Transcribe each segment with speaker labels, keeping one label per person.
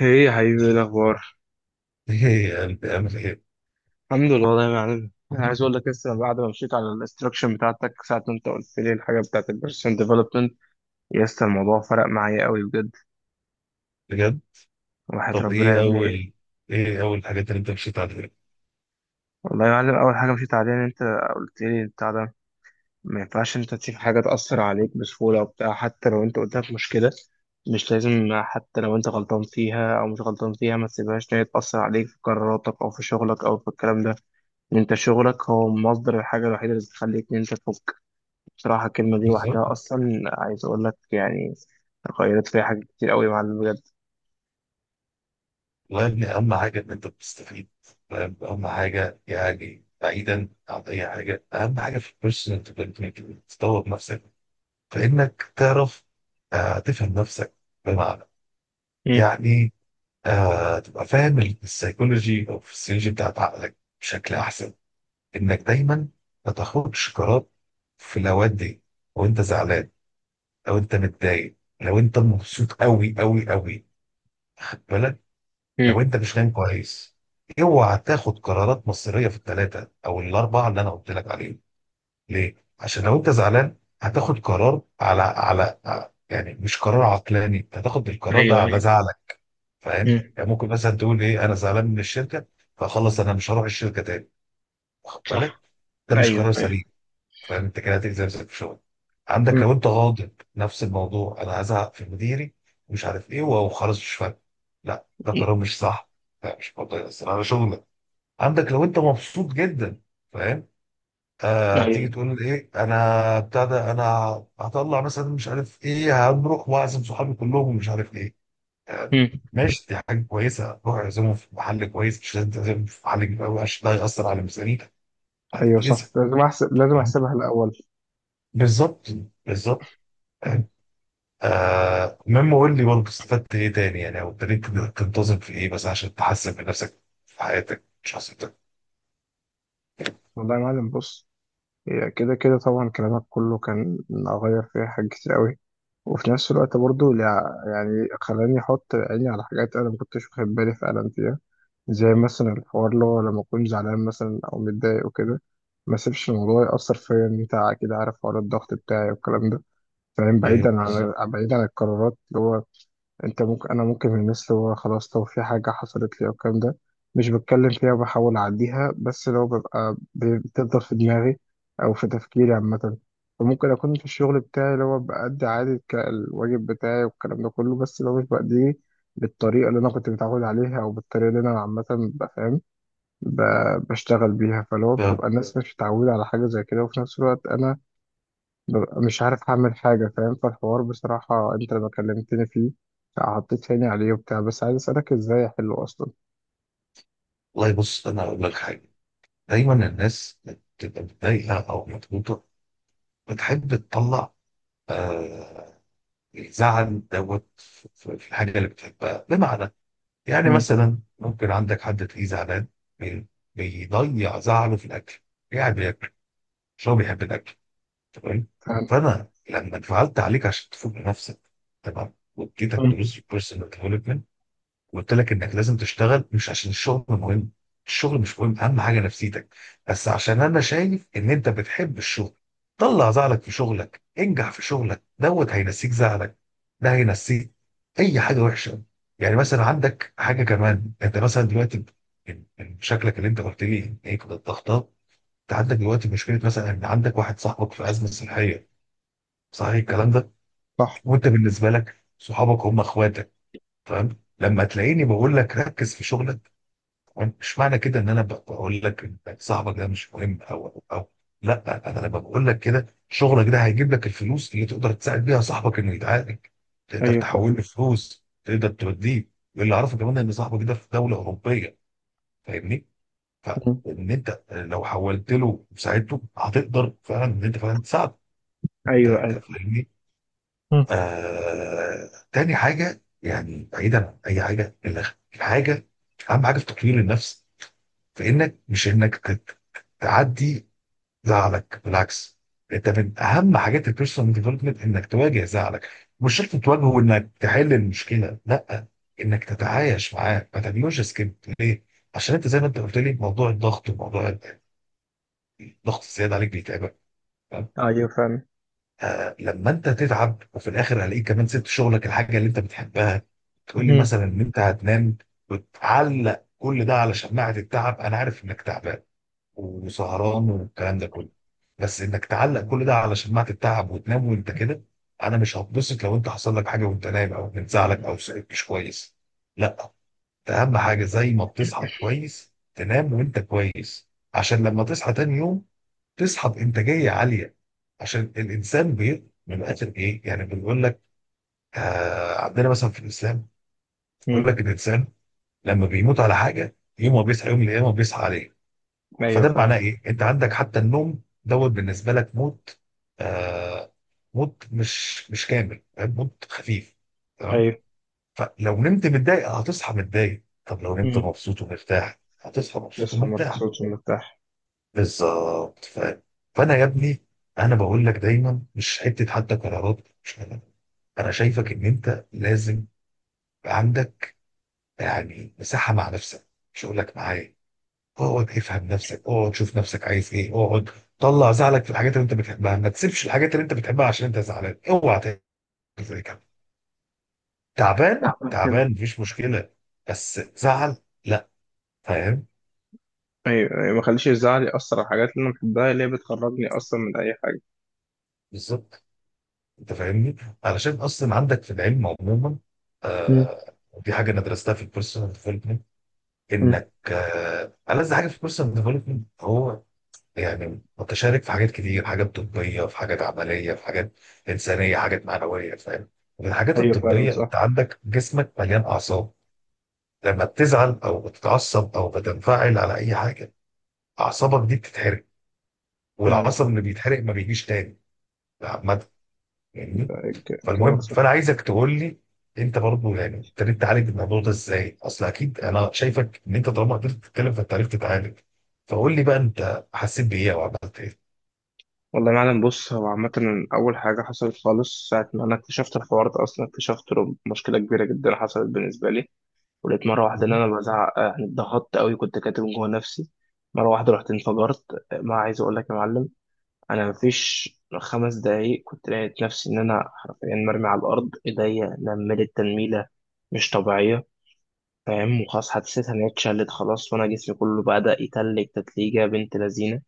Speaker 1: ايه يا حبيبي، ايه الاخبار؟
Speaker 2: ايه يعني بتعمل ايه؟
Speaker 1: الحمد لله والله يا معلم، انا عايز اقول لك لسه بعد ما مشيت على الاستراكشن بتاعتك ساعه ما انت قلت لي الحاجه بتاعت البيرسون ديفلوبمنت. يا اسطى الموضوع فرق معايا قوي بجد.
Speaker 2: بجد؟
Speaker 1: وحياة
Speaker 2: طب
Speaker 1: ربنا يا ابني،
Speaker 2: ايه اول الحاجات اللي انت مشيت عليها؟
Speaker 1: والله يا معلم اول حاجه مشيت عليها ان انت قلت لي بتاع ده، ما ينفعش انت تسيب حاجه تاثر عليك بسهوله وبتاع، حتى لو انت قدامك مشكله مش لازم، حتى لو انت غلطان فيها او مش غلطان فيها ما تسيبهاش ان هي تاثر عليك في قراراتك او في شغلك او في الكلام ده. ان انت شغلك هو مصدر الحاجه الوحيده اللي بتخليك ان انت تفوق. بصراحة الكلمة دي
Speaker 2: بالظبط.
Speaker 1: لوحدها أصلا عايز أقول لك يعني غيرت فيها حاجات كتير أوي يا معلم بجد.
Speaker 2: والله يا ابني، اهم حاجه ان انت بتستفيد. فاهم؟ اهم حاجه يعني بعيدا عن اي حاجه، اهم حاجه في البيرسونال ديفلوبمنت، تطور نفسك، فانك تعرف، تفهم نفسك. بمعنى،
Speaker 1: مم.
Speaker 2: يعني، تبقى فاهم السيكولوجي او الفسيولوجي بتاعت عقلك بشكل احسن. انك دايما ما تاخدش قرار في الاوقات دي وانت زعلان، لو انت متضايق، لو انت مبسوط قوي قوي قوي، خد بالك.
Speaker 1: مم.
Speaker 2: لو انت مش نايم كويس، اوعى تاخد قرارات مصيريه في الثلاثه او الاربعه اللي انا قلت لك عليهم. ليه؟ عشان لو انت زعلان هتاخد قرار على، يعني مش قرار عقلاني، انت هتاخد القرار ده
Speaker 1: ايوه
Speaker 2: على
Speaker 1: ايوه.
Speaker 2: زعلك. فاهم؟
Speaker 1: مم.
Speaker 2: يعني ممكن مثلا تقول ايه، انا زعلان من الشركه فخلص انا مش هروح الشركه تاني. واخد بالك؟
Speaker 1: صح.
Speaker 2: ده مش
Speaker 1: أيوه
Speaker 2: قرار
Speaker 1: أيوه.
Speaker 2: سليم. فانت كده هتجزي نفسك في شغل. عندك
Speaker 1: مم.
Speaker 2: لو انت غاضب نفس الموضوع، انا هزعق في مديري مش عارف ايه وهو خلاص مش فارق. لا، ده قرار مش صح، لا، مش برضه هيأثر على شغلك. عندك لو انت مبسوط جدا، فاهم، تيجي
Speaker 1: أيوه.
Speaker 2: تقول ايه، انا بتاع ده انا هطلع مثلا مش عارف ايه، هنروح واعزم صحابي كلهم مش عارف ايه، آه.
Speaker 1: مم.
Speaker 2: ماشي، دي حاجه كويسه، روح اعزمهم في محل كويس مش لازم تعزمهم في محل كبير قوي عشان ده هيأثر على ميزانيتك،
Speaker 1: أيوه
Speaker 2: هتتأذي.
Speaker 1: صح، لازم أحسب، لازم أحسبها الأول.
Speaker 2: بالظبط. بالظبط. آه، مما قول لي برضه استفدت ايه تاني، يعني او ابتديت تنتظم في ايه بس عشان تحسن من نفسك في حياتك مش شخصيتك؟
Speaker 1: والله يا معلم بص، هي كده كده طبعا كلامك كله كان أغير فيها حاجات كتير قوي، وفي نفس الوقت برضو يعني خلاني أحط عيني على حاجات أنا ما كنتش واخد بالي فعلا فيها. زي مثلا الحوار اللي هو لما أكون زعلان مثلا أو متضايق وكده ما أسيبش الموضوع يأثر فيا. إن أنت أكيد عارف حوار الضغط بتاعي والكلام ده. فاهم؟
Speaker 2: طيب،
Speaker 1: بعيدا
Speaker 2: بالظبط.
Speaker 1: عن بعيدا عن القرارات اللي هو انت ممكن، انا ممكن من الناس اللي هو خلاص لو في حاجه حصلت لي او الكلام ده مش بتكلم فيها وبحاول اعديها، بس لو ببقى بتفضل في دماغي او في تفكيري عامه. فممكن اكون في الشغل بتاعي اللي هو بأدي عادي الواجب بتاعي والكلام ده كله، بس لو مش بأديه بالطريقه اللي انا كنت متعود عليها او بالطريقه اللي انا عامه ببقى فاهم بشتغل بيها، فلو
Speaker 2: آه،
Speaker 1: بتبقى الناس مش متعوده على حاجه زي كده وفي نفس الوقت انا ببقى مش عارف أعمل حاجة. فاهم؟ فالحوار بصراحة أنت لما كلمتني فيه حطيت عيني عليه وبتاع، بس عايز أسألك إزاي أحله أصلا.
Speaker 2: والله بص، انا اقول لك حاجه. دايما الناس بتبقى متضايقه او مضغوطه بتحب تطلع، آه الزعل دوت في في الحاجه اللي بتحبها. بمعنى، يعني
Speaker 1: مم.
Speaker 2: مثلا ممكن عندك حد تلاقيه زعلان بي- بيضيع زعله في الاكل، يعني بياكل، مش هو بيحب الاكل؟ تمام.
Speaker 1: فاهم.
Speaker 2: فانا لما انفعلت عليك عشان تفوق لنفسك، تمام، واديتك
Speaker 1: مم.
Speaker 2: دروس في البيرسونال ديفلوبمنت، وقلت لك انك لازم تشتغل، مش عشان الشغل مهم، الشغل مش مهم، اهم حاجه نفسيتك، بس عشان انا شايف ان انت بتحب الشغل. طلع زعلك في شغلك، انجح في شغلك دوت هينسيك زعلك. ده هينسيك اي حاجه وحشه. يعني مثلا عندك حاجه كمان، انت مثلا دلوقتي من شكلك اللي انت قلت لي هيك الضغطات، انت عندك دلوقتي مشكله مثلا ان عندك واحد صاحبك في ازمه صحيه، صحيح الكلام ده؟
Speaker 1: صح.
Speaker 2: وانت بالنسبه لك صحابك هم اخواتك. فاهم لما تلاقيني بقول لك ركز في شغلك، مش معنى كده ان انا بقول لك إن صاحبك ده مش مهم او، لا، انا لما بقول لك كده، شغلك ده هيجيب لك الفلوس اللي تقدر تساعد بيها صاحبك انه يتعالج. تقدر
Speaker 1: أيوه فاهم.
Speaker 2: تحول له فلوس، تقدر توديه. واللي اعرفه كمان ان صاحبك ده في دوله اوروبيه، فاهمني،
Speaker 1: مم.
Speaker 2: فان انت لو حولت له وساعدته هتقدر فعلا ان انت فعلا تساعده.
Speaker 1: أيوه أيوه.
Speaker 2: فاهمني؟
Speaker 1: مم.
Speaker 2: تاني حاجة يعني بعيدا عن أي حاجة، الحاجة أهم حاجة في تطوير النفس، في إنك، مش إنك تعدي زعلك، بالعكس. أنت من أهم حاجات البيرسونال ديفلوبمنت إنك تواجه زعلك. مش شرط تواجهه إنك تحل المشكلة، لا، إنك تتعايش معاه ما تعملوش سكيب. ليه؟ عشان أنت زي ما أنت قلت لي موضوع الضغط، وموضوع الضغط الزيادة عليك بيتعبك.
Speaker 1: أيوه فاهم.
Speaker 2: لما انت تتعب وفي الاخر هلاقيك كمان سبت شغلك الحاجه اللي انت بتحبها، تقول لي
Speaker 1: مم.
Speaker 2: مثلا ان انت هتنام، وتعلق كل ده على شماعه التعب. انا عارف انك تعبان وسهران والكلام ده كله، بس انك تعلق كل ده على شماعه التعب وتنام وانت كده، انا مش هتبسط لو انت حصل لك حاجه وانت نايم او بتزعلك او صحيت مش كويس. لا، ده اهم حاجه، زي ما بتصحى كويس تنام وانت كويس. عشان لما تصحى تاني يوم، تصحى بانتاجيه عاليه. عشان الانسان من الاخر ايه يعني بنقول لك، عندنا مثلا في الاسلام يقول
Speaker 1: مم.
Speaker 2: لك الانسان لما بيموت على حاجه، يوم ما بيصحى يوم القيامه بيصحى عليه.
Speaker 1: أيوه
Speaker 2: فده
Speaker 1: فاهم.
Speaker 2: معناه ايه؟ انت عندك حتى النوم دوت بالنسبه لك موت، آه موت مش كامل، فاهم؟ موت خفيف، تمام.
Speaker 1: ايوه.
Speaker 2: فلو نمت متضايق هتصحى متضايق، طب لو نمت
Speaker 1: مم.
Speaker 2: مبسوط ومرتاح هتصحى مبسوط
Speaker 1: تصحى
Speaker 2: ومرتاح.
Speaker 1: مبسوط ومرتاح.
Speaker 2: بالظبط، فاهم. فانا يا ابني، انا بقول لك دايما، مش حتى قرارات، مش قرارات. انا شايفك ان انت لازم يبقى عندك، يعني، مساحه مع نفسك، مش هقول لك معايا. اقعد افهم نفسك، اقعد شوف نفسك عايز ايه، اقعد، طلع زعلك في الحاجات اللي انت بتحبها، ما تسيبش الحاجات اللي انت بتحبها عشان انت زعلان، اوعى تعمل زي كده. تعبان،
Speaker 1: تعمل كده.
Speaker 2: تعبان مفيش مشكله، بس زعل، لا، فاهم.
Speaker 1: أيوه أيوه، ما خليش الزعل يأثر على الحاجات اللي أنا بحبها، اللي هي بتخرجني أصلا من أي حاجة.
Speaker 2: بالظبط. انت فاهمني؟ علشان اصلا عندك في العلم عموما،
Speaker 1: مم.
Speaker 2: ودي حاجه انا درستها في البيرسونال ديفلوبمنت،
Speaker 1: مم.
Speaker 2: انك، ألذ حاجه في البيرسونال ديفلوبمنت هو، يعني متشارك في حاجات كتير، حاجات طبيه، في حاجات عمليه، في حاجات انسانيه، حاجات معنويه، فاهم؟ من الحاجات
Speaker 1: أيوه فعلا
Speaker 2: الطبيه،
Speaker 1: صح.
Speaker 2: انت عندك جسمك مليان اعصاب، لما بتزعل او بتتعصب او بتنفعل على اي حاجه اعصابك دي بتتحرق،
Speaker 1: فعلا.
Speaker 2: والعصب اللي بيتحرق ما بيجيش تاني، عامه.
Speaker 1: كلامك
Speaker 2: فالمهم، فانا
Speaker 1: صح.
Speaker 2: عايزك تقول لي، انت برضه يعني ابتديت تعالج الموضوع ده ازاي؟ اصل اكيد انا شايفك ان انت طالما قدرت تتكلم فانت عرفت تتعالج. فقول لي بقى، انت حسيت بايه او عملت ايه؟
Speaker 1: والله يا معلم بص، هو عامة أول حاجة حصلت خالص ساعة ما أنا اكتشفت الحوار ده أصلا، اكتشفت له مشكلة كبيرة جدا حصلت بالنسبة لي. ولقيت مرة واحدة إن
Speaker 2: مم.
Speaker 1: أنا بزعق، يعني اتضغطت أوي كنت كاتب جوه نفسي. مرة واحدة رحت انفجرت. ما عايز أقول لك يا معلم، أنا مفيش خمس دقايق كنت لقيت نفسي إن أنا حرفيا مرمي على الأرض، إيديا نملت تنميلة مش طبيعية. فاهم؟ وخلاص حسيت إن هي اتشلت خلاص، وأنا جسمي كله بدأ يتلج تتليجة بنت لذينة.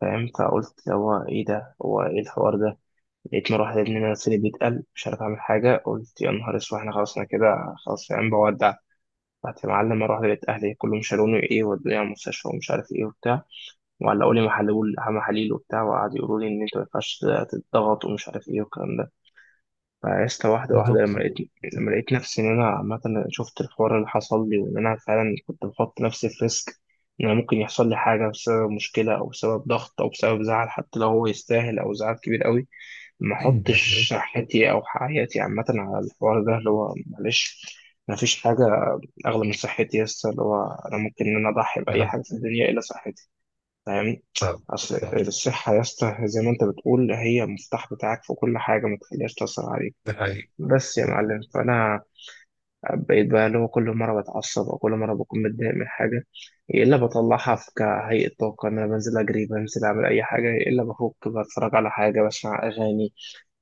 Speaker 1: فاهم؟ فقلت هو إيه ده، هو إيه الحوار ده. لقيت مروحة يا ابني مناخيري بيتقل، مش عارف اعمل حاجة. قلت يا نهار اسود احنا خلاص، انا كده خلاص يا عم بودع. رحت يا معلم مروحة لقيت اهلي كلهم شالوني ايه، ودوني على المستشفى ومش عارف ايه وبتاع، وعلقوا لي محلول محاليل وبتاع، وقعدوا يقولوا لي ان انت ما ينفعش تتضغط ومش عارف ايه والكلام ده. فعشت واحدة واحدة.
Speaker 2: بالظبط.
Speaker 1: لما لقيت نفسي إن أنا عامة شفت الحوار اللي حصل لي وإن أنا فعلا كنت بحط نفسي في ريسك، إن أنا ممكن يحصل لي حاجة بسبب مشكلة أو بسبب ضغط أو بسبب زعل، حتى لو هو يستاهل أو زعل كبير قوي ما أحطش
Speaker 2: طيب.
Speaker 1: صحتي أو حياتي عامة على الحوار ده اللي هو معلش ما فيش حاجة أغلى من صحتي. يس اللي هو أنا ممكن إن أنا أضحي بأي
Speaker 2: أنا-
Speaker 1: حاجة في الدنيا إلا صحتي. فاهمني؟
Speaker 2: ف-
Speaker 1: أصل
Speaker 2: ف-
Speaker 1: الصحة يا اسطى زي ما أنت بتقول هي المفتاح بتاعك في كل حاجة، ما تخليهاش تأثر عليك.
Speaker 2: ده حقيقي.
Speaker 1: بس يا معلم فانا بقيت بقى اللي هو كل مره بتعصب او كل مره بكون متضايق من حاجه يا الا بطلعها في كهيئه طاقه ان انا بنزل اجري، بنزل اعمل اي حاجه، يا الا بفك بتفرج على حاجه، بسمع اغاني.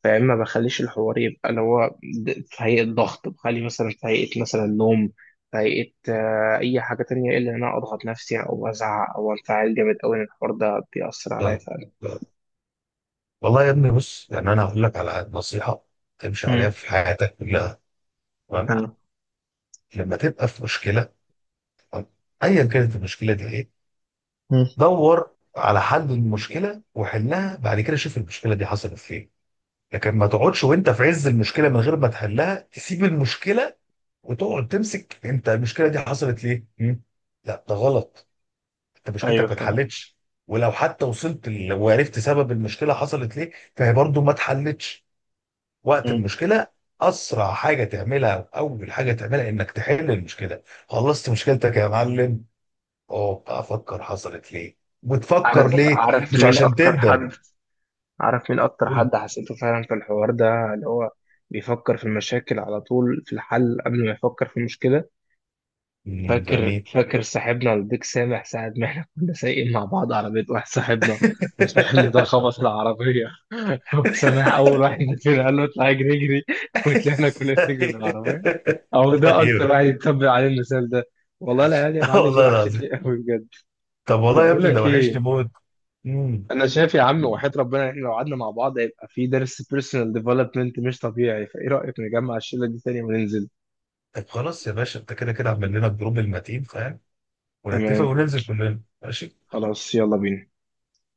Speaker 1: فيا اما بخليش الحوار يبقى اللي هو في هيئه ضغط، بخلي مثلا في هيئه مثلا نوم، في هيئه اي حاجه تانية، الا ان انا اضغط نفسي او ازعق او انفعل جامد قوي ان الحوار ده بيأثر عليا
Speaker 2: ف-
Speaker 1: فعلا.
Speaker 2: ف- والله يا ابني بص، يعني انا هقول لك على نصيحه تمشي عليها
Speaker 1: امم
Speaker 2: في حياتك كلها، تمام.
Speaker 1: آه.
Speaker 2: لما تبقى في مشكله، تمام؟ ايا كانت المشكله دي ايه،
Speaker 1: مم.
Speaker 2: دور على حل المشكله وحلها، بعد كده شوف المشكله دي حصلت فين. لكن ما تقعدش وانت في عز المشكله من غير ما تحلها تسيب المشكله وتقعد تمسك، انت المشكله دي حصلت ليه؟ مم؟ لا، ده غلط، انت مشكلتك
Speaker 1: ايوه
Speaker 2: ما
Speaker 1: فاهم.
Speaker 2: اتحلتش. ولو حتى وصلت وعرفت سبب المشكله حصلت ليه، فهي برضو ما اتحلتش وقت
Speaker 1: مم.
Speaker 2: المشكله. اسرع حاجه تعملها او اول حاجه تعملها انك تحل المشكله. خلصت مشكلتك يا معلم، اه افكر حصلت ليه، وتفكر
Speaker 1: عارف
Speaker 2: ليه،
Speaker 1: عارف
Speaker 2: مش
Speaker 1: مين
Speaker 2: عشان
Speaker 1: اكتر
Speaker 2: تندم.
Speaker 1: حد، عارف مين أكتر
Speaker 2: تقول،
Speaker 1: حد حسيته فعلا في الحوار ده اللي هو بيفكر في المشاكل على طول في الحل قبل ما يفكر في المشكلة؟
Speaker 2: "مم، ده
Speaker 1: فاكر
Speaker 2: مين
Speaker 1: فاكر صاحبنا البيك سامح ساعة ما احنا كنا سايقين مع بعض على بيت واحد صاحبنا، وصاحبنا ده خبط العربية سامح أول واحد فينا قال له اطلع اجري اجري، وطلعنا كلنا نجري من العربية. أو ده
Speaker 2: ايوه.
Speaker 1: أكتر واحد يتبع عليه المثال ده. والله العيال يا
Speaker 2: اه،
Speaker 1: معلم دي
Speaker 2: والله العظيم.
Speaker 1: وحشتني قوي بجد.
Speaker 2: طب،
Speaker 1: طب
Speaker 2: والله يا
Speaker 1: بقول
Speaker 2: ابني ده
Speaker 1: لك
Speaker 2: وحشني
Speaker 1: إيه،
Speaker 2: موت. امم.
Speaker 1: انا شايف يا عم وحياة ربنا احنا لو قعدنا مع بعض هيبقى في درس بيرسونال ديفلوبمنت مش طبيعي، فايه رأيك نجمع الشلة دي تاني وننزل؟
Speaker 2: طب خلاص يا باشا، انت كده كده عمل لنا الجروب المتين، فاهم، ونتفق
Speaker 1: تمام.
Speaker 2: وننزل كلنا، ماشي.
Speaker 1: خلاص يلا بينا.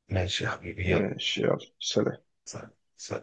Speaker 2: ماشي يا حبيبي، يلا،
Speaker 1: ماشي يلا، سلام.
Speaker 2: سلام. سلام.